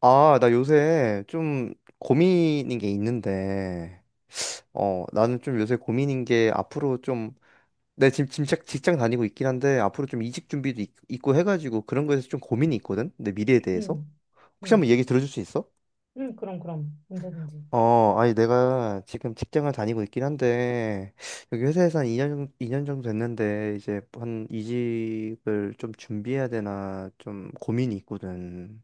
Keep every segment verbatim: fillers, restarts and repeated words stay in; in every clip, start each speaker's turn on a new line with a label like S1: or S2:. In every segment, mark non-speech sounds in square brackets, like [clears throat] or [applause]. S1: 아, 나 요새 좀 고민인 게 있는데, 어, 나는 좀 요새 고민인 게 앞으로 좀, 내 지금 직장, 직장 다니고 있긴 한데, 앞으로 좀 이직 준비도 있, 있고 해가지고 그런 거에서 좀 고민이 있거든? 내 미래에 대해서?
S2: 응,
S1: 혹시 한번
S2: 응,
S1: 얘기 들어줄 수 있어?
S2: 응, 그럼, 그럼. 언제든지.
S1: 어, 아니, 내가 지금 직장을 다니고 있긴 한데, 여기 회사에서 한 이 년 이 년 정도 됐는데, 이제 한 이직을 좀 준비해야 되나 좀 고민이 있거든.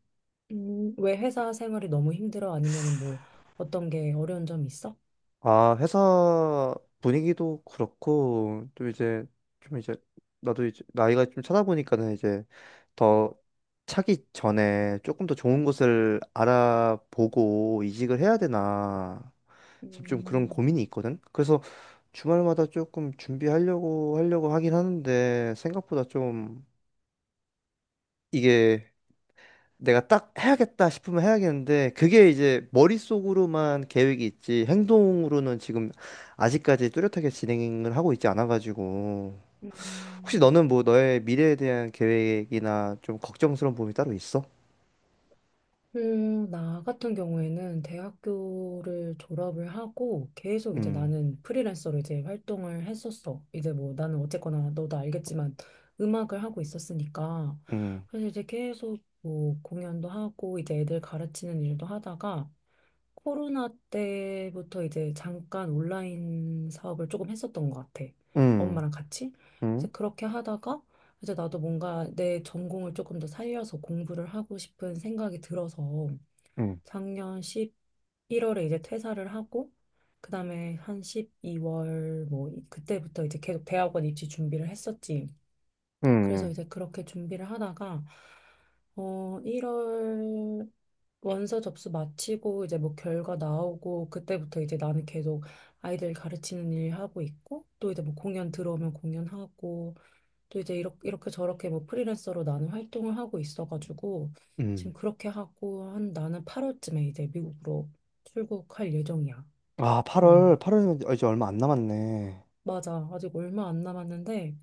S2: 음, 왜 회사 생활이 너무 힘들어? 아니면은 뭐 어떤 게 어려운 점이 있어?
S1: 아, 회사 분위기도 그렇고, 또 이제, 좀 이제, 나도 이제, 나이가 좀 차다 보니까는 이제, 더 차기 전에 조금 더 좋은 곳을 알아보고 이직을 해야 되나, 지금 좀 그런
S2: 음,
S1: 고민이 있거든? 그래서 주말마다 조금 준비하려고, 하려고 하긴 하는데, 생각보다 좀, 이게 내가 딱 해야겠다 싶으면 해야겠는데 그게 이제 머릿속으로만 계획이 있지 행동으로는 지금 아직까지 뚜렷하게 진행을 하고 있지 않아가지고 혹시
S2: 음,
S1: 너는 뭐 너의 미래에 대한 계획이나 좀 걱정스러운 부분이 따로 있어?
S2: 음, 나 같은 경우에는 대학교를 졸업을 하고 계속 이제
S1: 음,
S2: 나는 프리랜서로 이제 활동을 했었어. 이제 뭐 나는 어쨌거나 너도 알겠지만 음악을 하고 있었으니까.
S1: 음,
S2: 그래서 이제 계속 뭐 공연도 하고 이제 애들 가르치는 일도 하다가 코로나 때부터 이제 잠깐 온라인 사업을 조금 했었던 것 같아.
S1: 음,
S2: 엄마랑 같이. 이제
S1: 음,
S2: 그렇게 하다가 이제 나도 뭔가 내 전공을 조금 더 살려서 공부를 하고 싶은 생각이 들어서
S1: 음,
S2: 작년 십일 월에 이제 퇴사를 하고, 그다음에 한 십이 월 뭐 이- 그때부터 이제 계속 대학원 입시 준비를 했었지. 그래서
S1: 음,
S2: 이제 그렇게 준비를 하다가 어 일 월 원서 접수 마치고 이제 뭐 결과 나오고, 그때부터 이제 나는 계속 아이들 가르치는 일 하고 있고, 또 이제 뭐 공연 들어오면 공연하고, 또 이제 이렇게, 이렇게 저렇게 뭐 프리랜서로 나는 활동을 하고 있어가지고
S1: 음.
S2: 지금 그렇게 하고, 한 나는 팔 월쯤에 이제 미국으로 출국할 예정이야.
S1: 아, 팔월
S2: 음,
S1: 팔월이면 이제 얼마 안 남았네.
S2: 맞아. 아직 얼마 안 남았는데,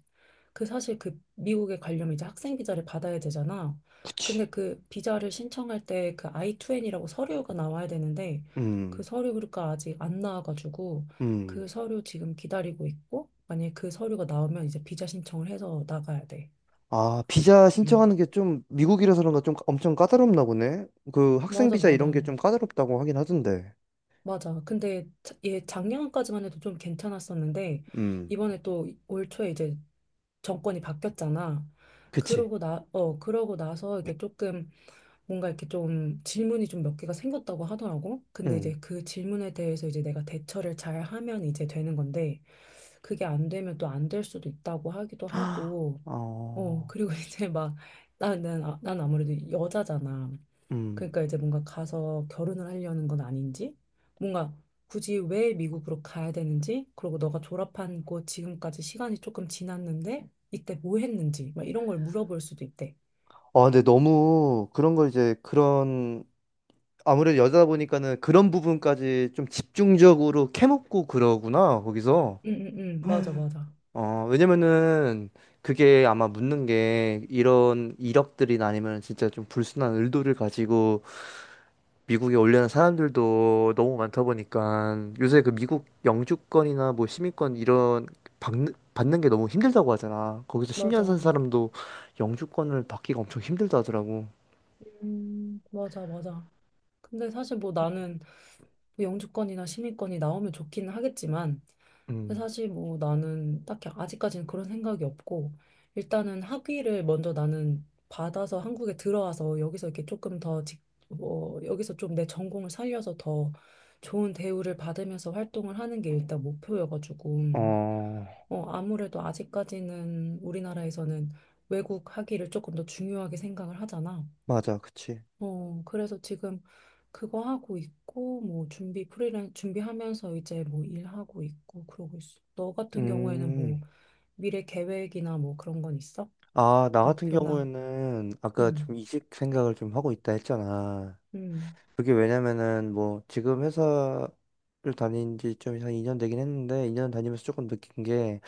S2: 그 사실 그 미국에 가려면 이제 학생 비자를 받아야 되잖아. 근데
S1: 그치.
S2: 그 비자를 신청할 때 그 아이 투 엔이라고 서류가 나와야 되는데, 그
S1: 음,
S2: 서류가 아직 안 나와가지고 그
S1: 음.
S2: 서류 지금 기다리고 있고, 만약에 그 서류가 나오면 이제 비자 신청을 해서 나가야 돼.
S1: 아, 비자
S2: 음.
S1: 신청하는 게 좀 미국이라서 그런가 좀 엄청 까다롭나 보네. 그 학생
S2: 맞아,
S1: 비자
S2: 맞아.
S1: 이런 게 좀 까다롭다고 하긴 하던데.
S2: 맞아. 근데 자- 얘 작년까지만 해도 좀 괜찮았었는데
S1: 음,
S2: 이번에 또 올 초에 이제 정권이 바뀌었잖아.
S1: 그치.
S2: 그러고 나, 어, 그러고 나서 이게 조금 뭔가 이렇게 좀 질문이 좀 몇 개가 생겼다고 하더라고. 근데
S1: 음.
S2: 이제 그 질문에 대해서 이제 내가 대처를 잘 하면 이제 되는 건데, 그게 안 되면 또 안 될 수도 있다고 하기도
S1: [gasps]
S2: 하고. 어,
S1: 어,
S2: 그리고 [laughs] 이제 막 나는 아, 난 아무래도 여자잖아.
S1: 음.
S2: 그러니까 이제 뭔가 가서 결혼을 하려는 건 아닌지, 뭔가 굳이 왜 미국으로 가야 되는지, 그리고 너가 졸업한 곳 지금까지 시간이 조금 지났는데 이때 뭐 했는지, 막 이런 걸 물어볼 수도 있대.
S1: 아, 근데 너무 그런 걸 이제 그런 아무래도 여자다 보니까는 그런 부분까지 좀 집중적으로 캐먹고 그러구나, 거기서.
S2: 응, 응, 응, 맞아, 맞아.
S1: 어, 왜냐면은 그게 아마 묻는 게 이런 이력들이나 아니면 진짜 좀 불순한 의도를 가지고 미국에 올려는 사람들도 너무 많다 보니까 요새 그 미국 영주권이나 뭐 시민권 이런 받는, 받는 게 너무 힘들다고 하잖아. 거기서 십 년 산
S2: 맞아.
S1: 사람도 영주권을 받기가 엄청 힘들다 하더라고.
S2: 음, 맞아, 맞아. 근데 사실 뭐 나는, 뭐 영주권이나 시민권이 나오면 좋기는 하겠지만, 근데
S1: 음,
S2: 사실 뭐 나는 딱히 아직까지는 그런 생각이 없고, 일단은 학위를 먼저 나는 받아서 한국에 들어와서 여기서 이렇게 조금 더 직, 뭐 여기서 좀 내 전공을 살려서 더 좋은 대우를 받으면서 활동을 하는 게 일단 목표여가지고,
S1: 어,
S2: 어 아무래도 아직까지는 우리나라에서는 외국 학위를 조금 더 중요하게 생각을 하잖아.
S1: 맞아, 그치.
S2: 어, 그래서 지금 그거 하고 있고, 뭐, 준비, 프리랜, 준비하면서 이제 뭐 일하고 있고, 그러고 있어. 너 같은 경우에는
S1: 음,
S2: 뭐, 미래 계획이나 뭐 그런 건 있어?
S1: 아, 나 같은
S2: 목표나?
S1: 경우에는 아까
S2: 응,
S1: 좀 이직 생각을 좀 하고 있다 했잖아.
S2: 응,
S1: 그게 왜냐면은 뭐 지금 회사를 다닌 지 좀 한 이 년 되긴 했는데 이 년 다니면서 조금 느낀 게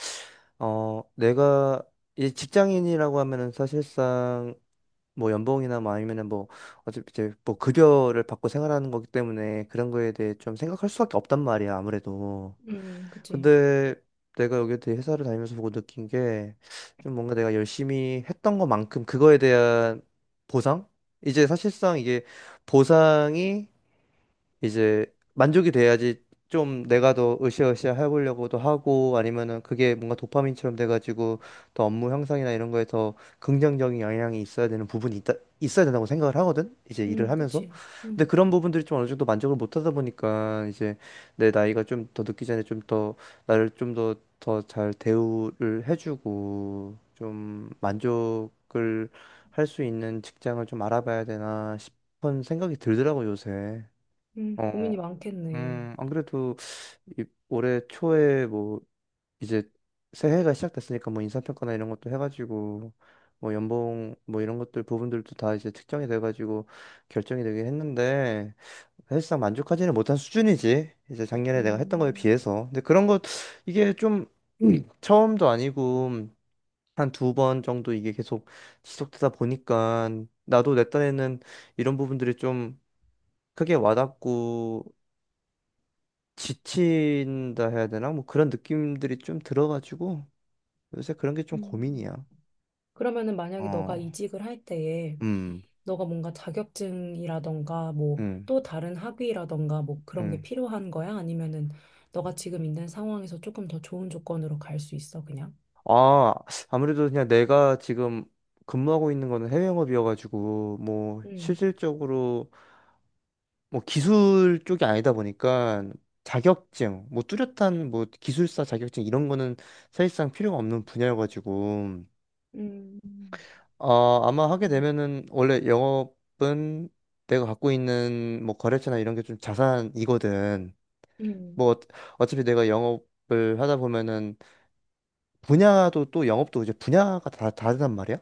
S1: 어, 내가 이 직장인이라고 하면은 사실상 뭐 연봉이나 뭐 아니면은 뭐 어차피 이제 뭐 급여를 받고 생활하는 거기 때문에 그런 거에 대해 좀 생각할 수밖에 없단 말이야, 아무래도.
S2: 응, 그치,
S1: 근데 내가 여기 대 회사를 다니면서 보고 느낀 게 좀 뭔가 내가 열심히 했던 것만큼 그거에 대한 보상? 이제 사실상 이게 보상이 이제 만족이 돼야지 좀 내가 더 으쌰으쌰 해보려고도 하고 아니면은 그게 뭔가 도파민처럼 돼가지고 더 업무 향상이나 이런 거에 더 긍정적인 영향이 있어야 되는 부분이 있다, 있어야 된다고 생각을 하거든. 이제 일을
S2: 응,
S1: 하면서.
S2: 그치,
S1: 근데
S2: 응,
S1: 그런 부분들이 좀 어느 정도 만족을 못 하다 보니까 이제 내 나이가 좀 더 늦기 전에 좀 더 나를 좀 더 더 잘 대우를 해주고 좀 만족을 할 수 있는 직장을 좀 알아봐야 되나 싶은 생각이 들더라고 요새.
S2: 응.
S1: 어.
S2: 고민이 많겠네.
S1: 음, 안 그래도 이- 올해 초에 뭐 이제 새해가 시작됐으니까 뭐 인사평가나 이런 것도 해가지고 뭐 연봉 뭐 이런 것들 부분들도 다 이제 특정이 돼가지고 결정이 되긴 했는데 사실상 만족하지는 못한 수준이지. 이제 작년에 내가 했던 거에
S2: 음,
S1: 비해서. 근데 그런 것 이게 좀 음, [clears throat] 처음도 아니고 한 두 번 정도 이게 계속 지속되다 보니까 나도 내 딴에는 이런 부분들이 좀 크게 와닿고 지친다 해야 되나? 뭐 그런 느낌들이 좀 들어가지고 요새 그런 게 좀
S2: 음.
S1: 고민이야.
S2: 그러면은 만약에
S1: 어,
S2: 너가 이직을 할 때에,
S1: 음,
S2: 너가 뭔가 자격증이라던가 뭐
S1: 음,
S2: 또 다른 학위라던가 뭐 그런 게
S1: 음.
S2: 필요한 거야? 아니면은 너가 지금 있는 상황에서 조금 더 좋은 조건으로 갈 수 있어, 그냥?
S1: 아, 아무래도 그냥 내가 지금 근무하고 있는 거는 해외 영업이어가지고 뭐
S2: 음,
S1: 실질적으로 뭐 기술 쪽이 아니다 보니까 자격증, 뭐 뚜렷한 뭐 기술사 자격증 이런 거는 사실상 필요가 없는 분야여가지고
S2: 음,
S1: 아, 아마 하게
S2: 음,
S1: 되면은 원래 영업은 내가 갖고 있는 뭐 거래처나 이런 게 좀 자산이거든.
S2: 음,
S1: 뭐 어- 어차피 내가 영업을 하다 보면은 분야도 또 영업도 이제 분야가 다 다르단 말이야.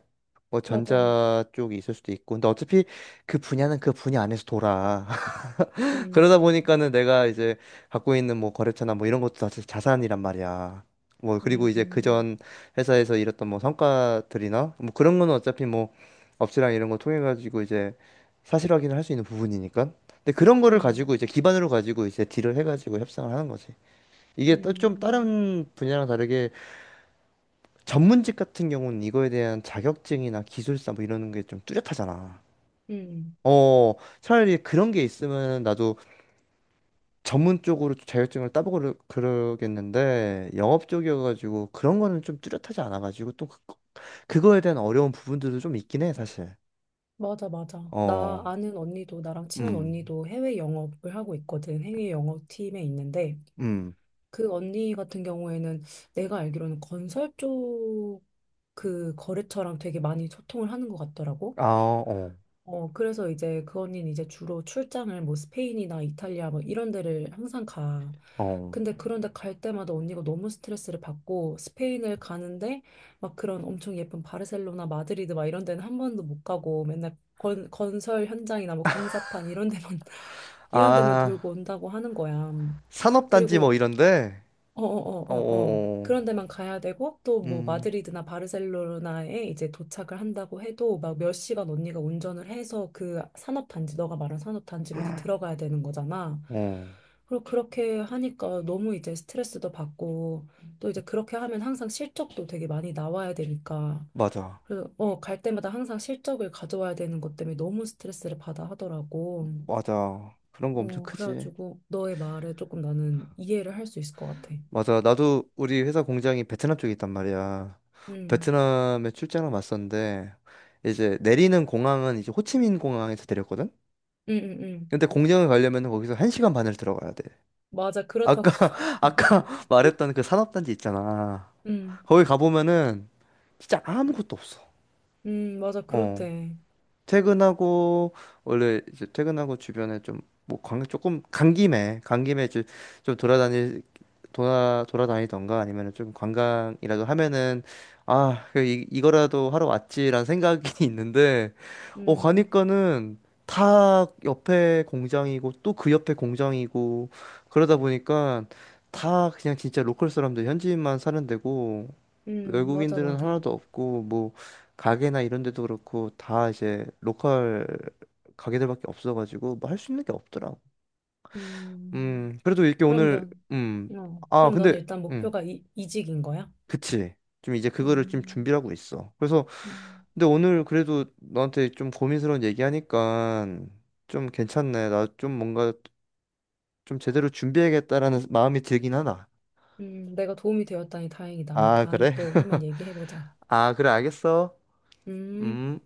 S1: 뭐
S2: 맞아.
S1: 전자 쪽이 있을 수도 있고. 근데 어차피 그 분야는 그 분야 안에서 돌아. 그러다
S2: 음,
S1: 보니까는 내가 이제 갖고 있는 뭐 거래처나 뭐 이런 것도 다 자산이란 말이야. 뭐 그리고 이제
S2: 음,
S1: 그전 회사에서 일했던 뭐 성과들이나 뭐 그런 거는 어차피 뭐 업체랑 이런 거 통해 가지고 이제 사실 확인을 할 수 있는 부분이니까. 근데 그런 거를 가지고
S2: 음,
S1: 이제 기반으로 가지고 이제 딜을 해 가지고 협상을 하는 거지. 이게 또 좀
S2: 음,
S1: 다른 분야랑 다르게 전문직 같은 경우는 이거에 대한 자격증이나 기술사 뭐 이러는 게 좀 뚜렷하잖아.
S2: 음.
S1: 어, 차라리 그런 게 있으면 나도 전문 쪽으로 자격증을 따보고 그러- 그러겠는데 영업 쪽이어가지고 그런 거는 좀 뚜렷하지 않아가지고 또 그, 그거에 대한 어려운 부분들도 좀 있긴 해 사실.
S2: 맞아, 맞아.
S1: 어.
S2: 나 아는 언니도, 나랑 친한
S1: 음.
S2: 언니도 해외 영업을 하고 있거든. 해외 영업팀에 있는데,
S1: 음.
S2: 그 언니 같은 경우에는 내가 알기로는 건설 쪽, 그 거래처랑 되게 많이 소통을 하는 것 같더라고.
S1: 아. 어.
S2: 어, 그래서 이제 그 언니는 이제 주로 출장을 뭐 스페인이나 이탈리아 뭐 이런 데를 항상 가.
S1: 어.
S2: 근데 그런데 갈 때마다 언니가 너무 스트레스를 받고, 스페인을 가는데 막 그런 엄청 예쁜 바르셀로나, 마드리드 막 이런 데는 한 번도 못 가고 맨날 건, 건설 현장이나 뭐 공사판, 이런 데만 [laughs] 이런 데만
S1: 아.
S2: 돌고 온다고 하는 거야.
S1: 산업단지 뭐
S2: 그리고
S1: 이런데.
S2: 어어어어어
S1: 어어어.
S2: 그런 데만 가야 되고, 또 뭐
S1: 음.
S2: 마드리드나 바르셀로나에 이제 도착을 한다고 해도 막 몇 시간 언니가 운전을 해서 그 산업단지, 너가 말한 산업단지로 이제 들어가야 되는 거잖아.
S1: 어.
S2: 그리고 그렇게 하니까 너무 이제 스트레스도 받고, 또 이제 그렇게 하면 항상 실적도 되게 많이 나와야 되니까,
S1: 맞아,
S2: 그래서 어, 갈 때마다 항상 실적을 가져와야 되는 것 때문에 너무 스트레스를 받아 하더라고.
S1: 맞아. 그런 거 엄청
S2: 어,
S1: 크지.
S2: 그래가지고 너의 말에 조금 나는 이해를 할 수 있을 것 같아.
S1: 맞아. 나도 우리 회사 공장이 베트남 쪽에 있단 말이야.
S2: 음.
S1: 베트남에 출장을 왔었는데 이제 내리는 공항은 이제 호치민 공항에서 내렸거든.
S2: 응, 응, 응.
S1: 근데 공장을 가려면 거기서 한 시간 반을 들어가야 돼.
S2: 맞아, 그렇다고
S1: 아까
S2: 하더라.
S1: [laughs] 아까 말했던 그 산업단지 있잖아.
S2: 응,
S1: 거기 가보면은 진짜 아무것도 없어.
S2: 응, 맞아,
S1: 어.
S2: 그렇대.
S1: 퇴근하고 원래 이제 퇴근하고 주변에 좀뭐 조금 간 김에 간 김에 이제 좀 돌아다니 돌아 돌아다니던가 아니면은 좀 관광이라도 하면은 아, 그 이, 이거라도 하러 왔지라는 생각이 [laughs] 있는데 어
S2: 응,
S1: 가니까는 다 옆에 공장이고 또 그 옆에 공장이고 그러다 보니까 다 그냥 진짜 로컬 사람들 현지인만 사는 데고
S2: 응, 맞아,
S1: 외국인들은
S2: 맞아.
S1: 하나도 없고 뭐 가게나 이런 데도 그렇고 다 이제 로컬 가게들밖에 없어가지고 뭐 할 수 있는 게 없더라고.
S2: 응,
S1: 음, 그래도 이렇게
S2: 그럼
S1: 오늘.
S2: 넌,
S1: 음,
S2: 어,
S1: 아,
S2: 그럼 넌
S1: 근데
S2: 일단
S1: 음,
S2: 목표가 이, 이직인 거야?
S1: 그치. 좀 이제 그거를 좀
S2: 음,
S1: 준비를 하고 있어. 그래서
S2: 음,
S1: 근데 오늘 그래도 너한테 좀 고민스러운 얘기하니까 좀 괜찮네. 나 좀 뭔가 좀 제대로 준비해야겠다라는 마음이 들긴 하나.
S2: 음, 내가 도움이 되었다니 다행이다. 우리
S1: 아,
S2: 다음에
S1: 그래?
S2: 또 한번
S1: [laughs]
S2: 얘기해보자.
S1: 아, 그래 알겠어.
S2: 음.
S1: 음.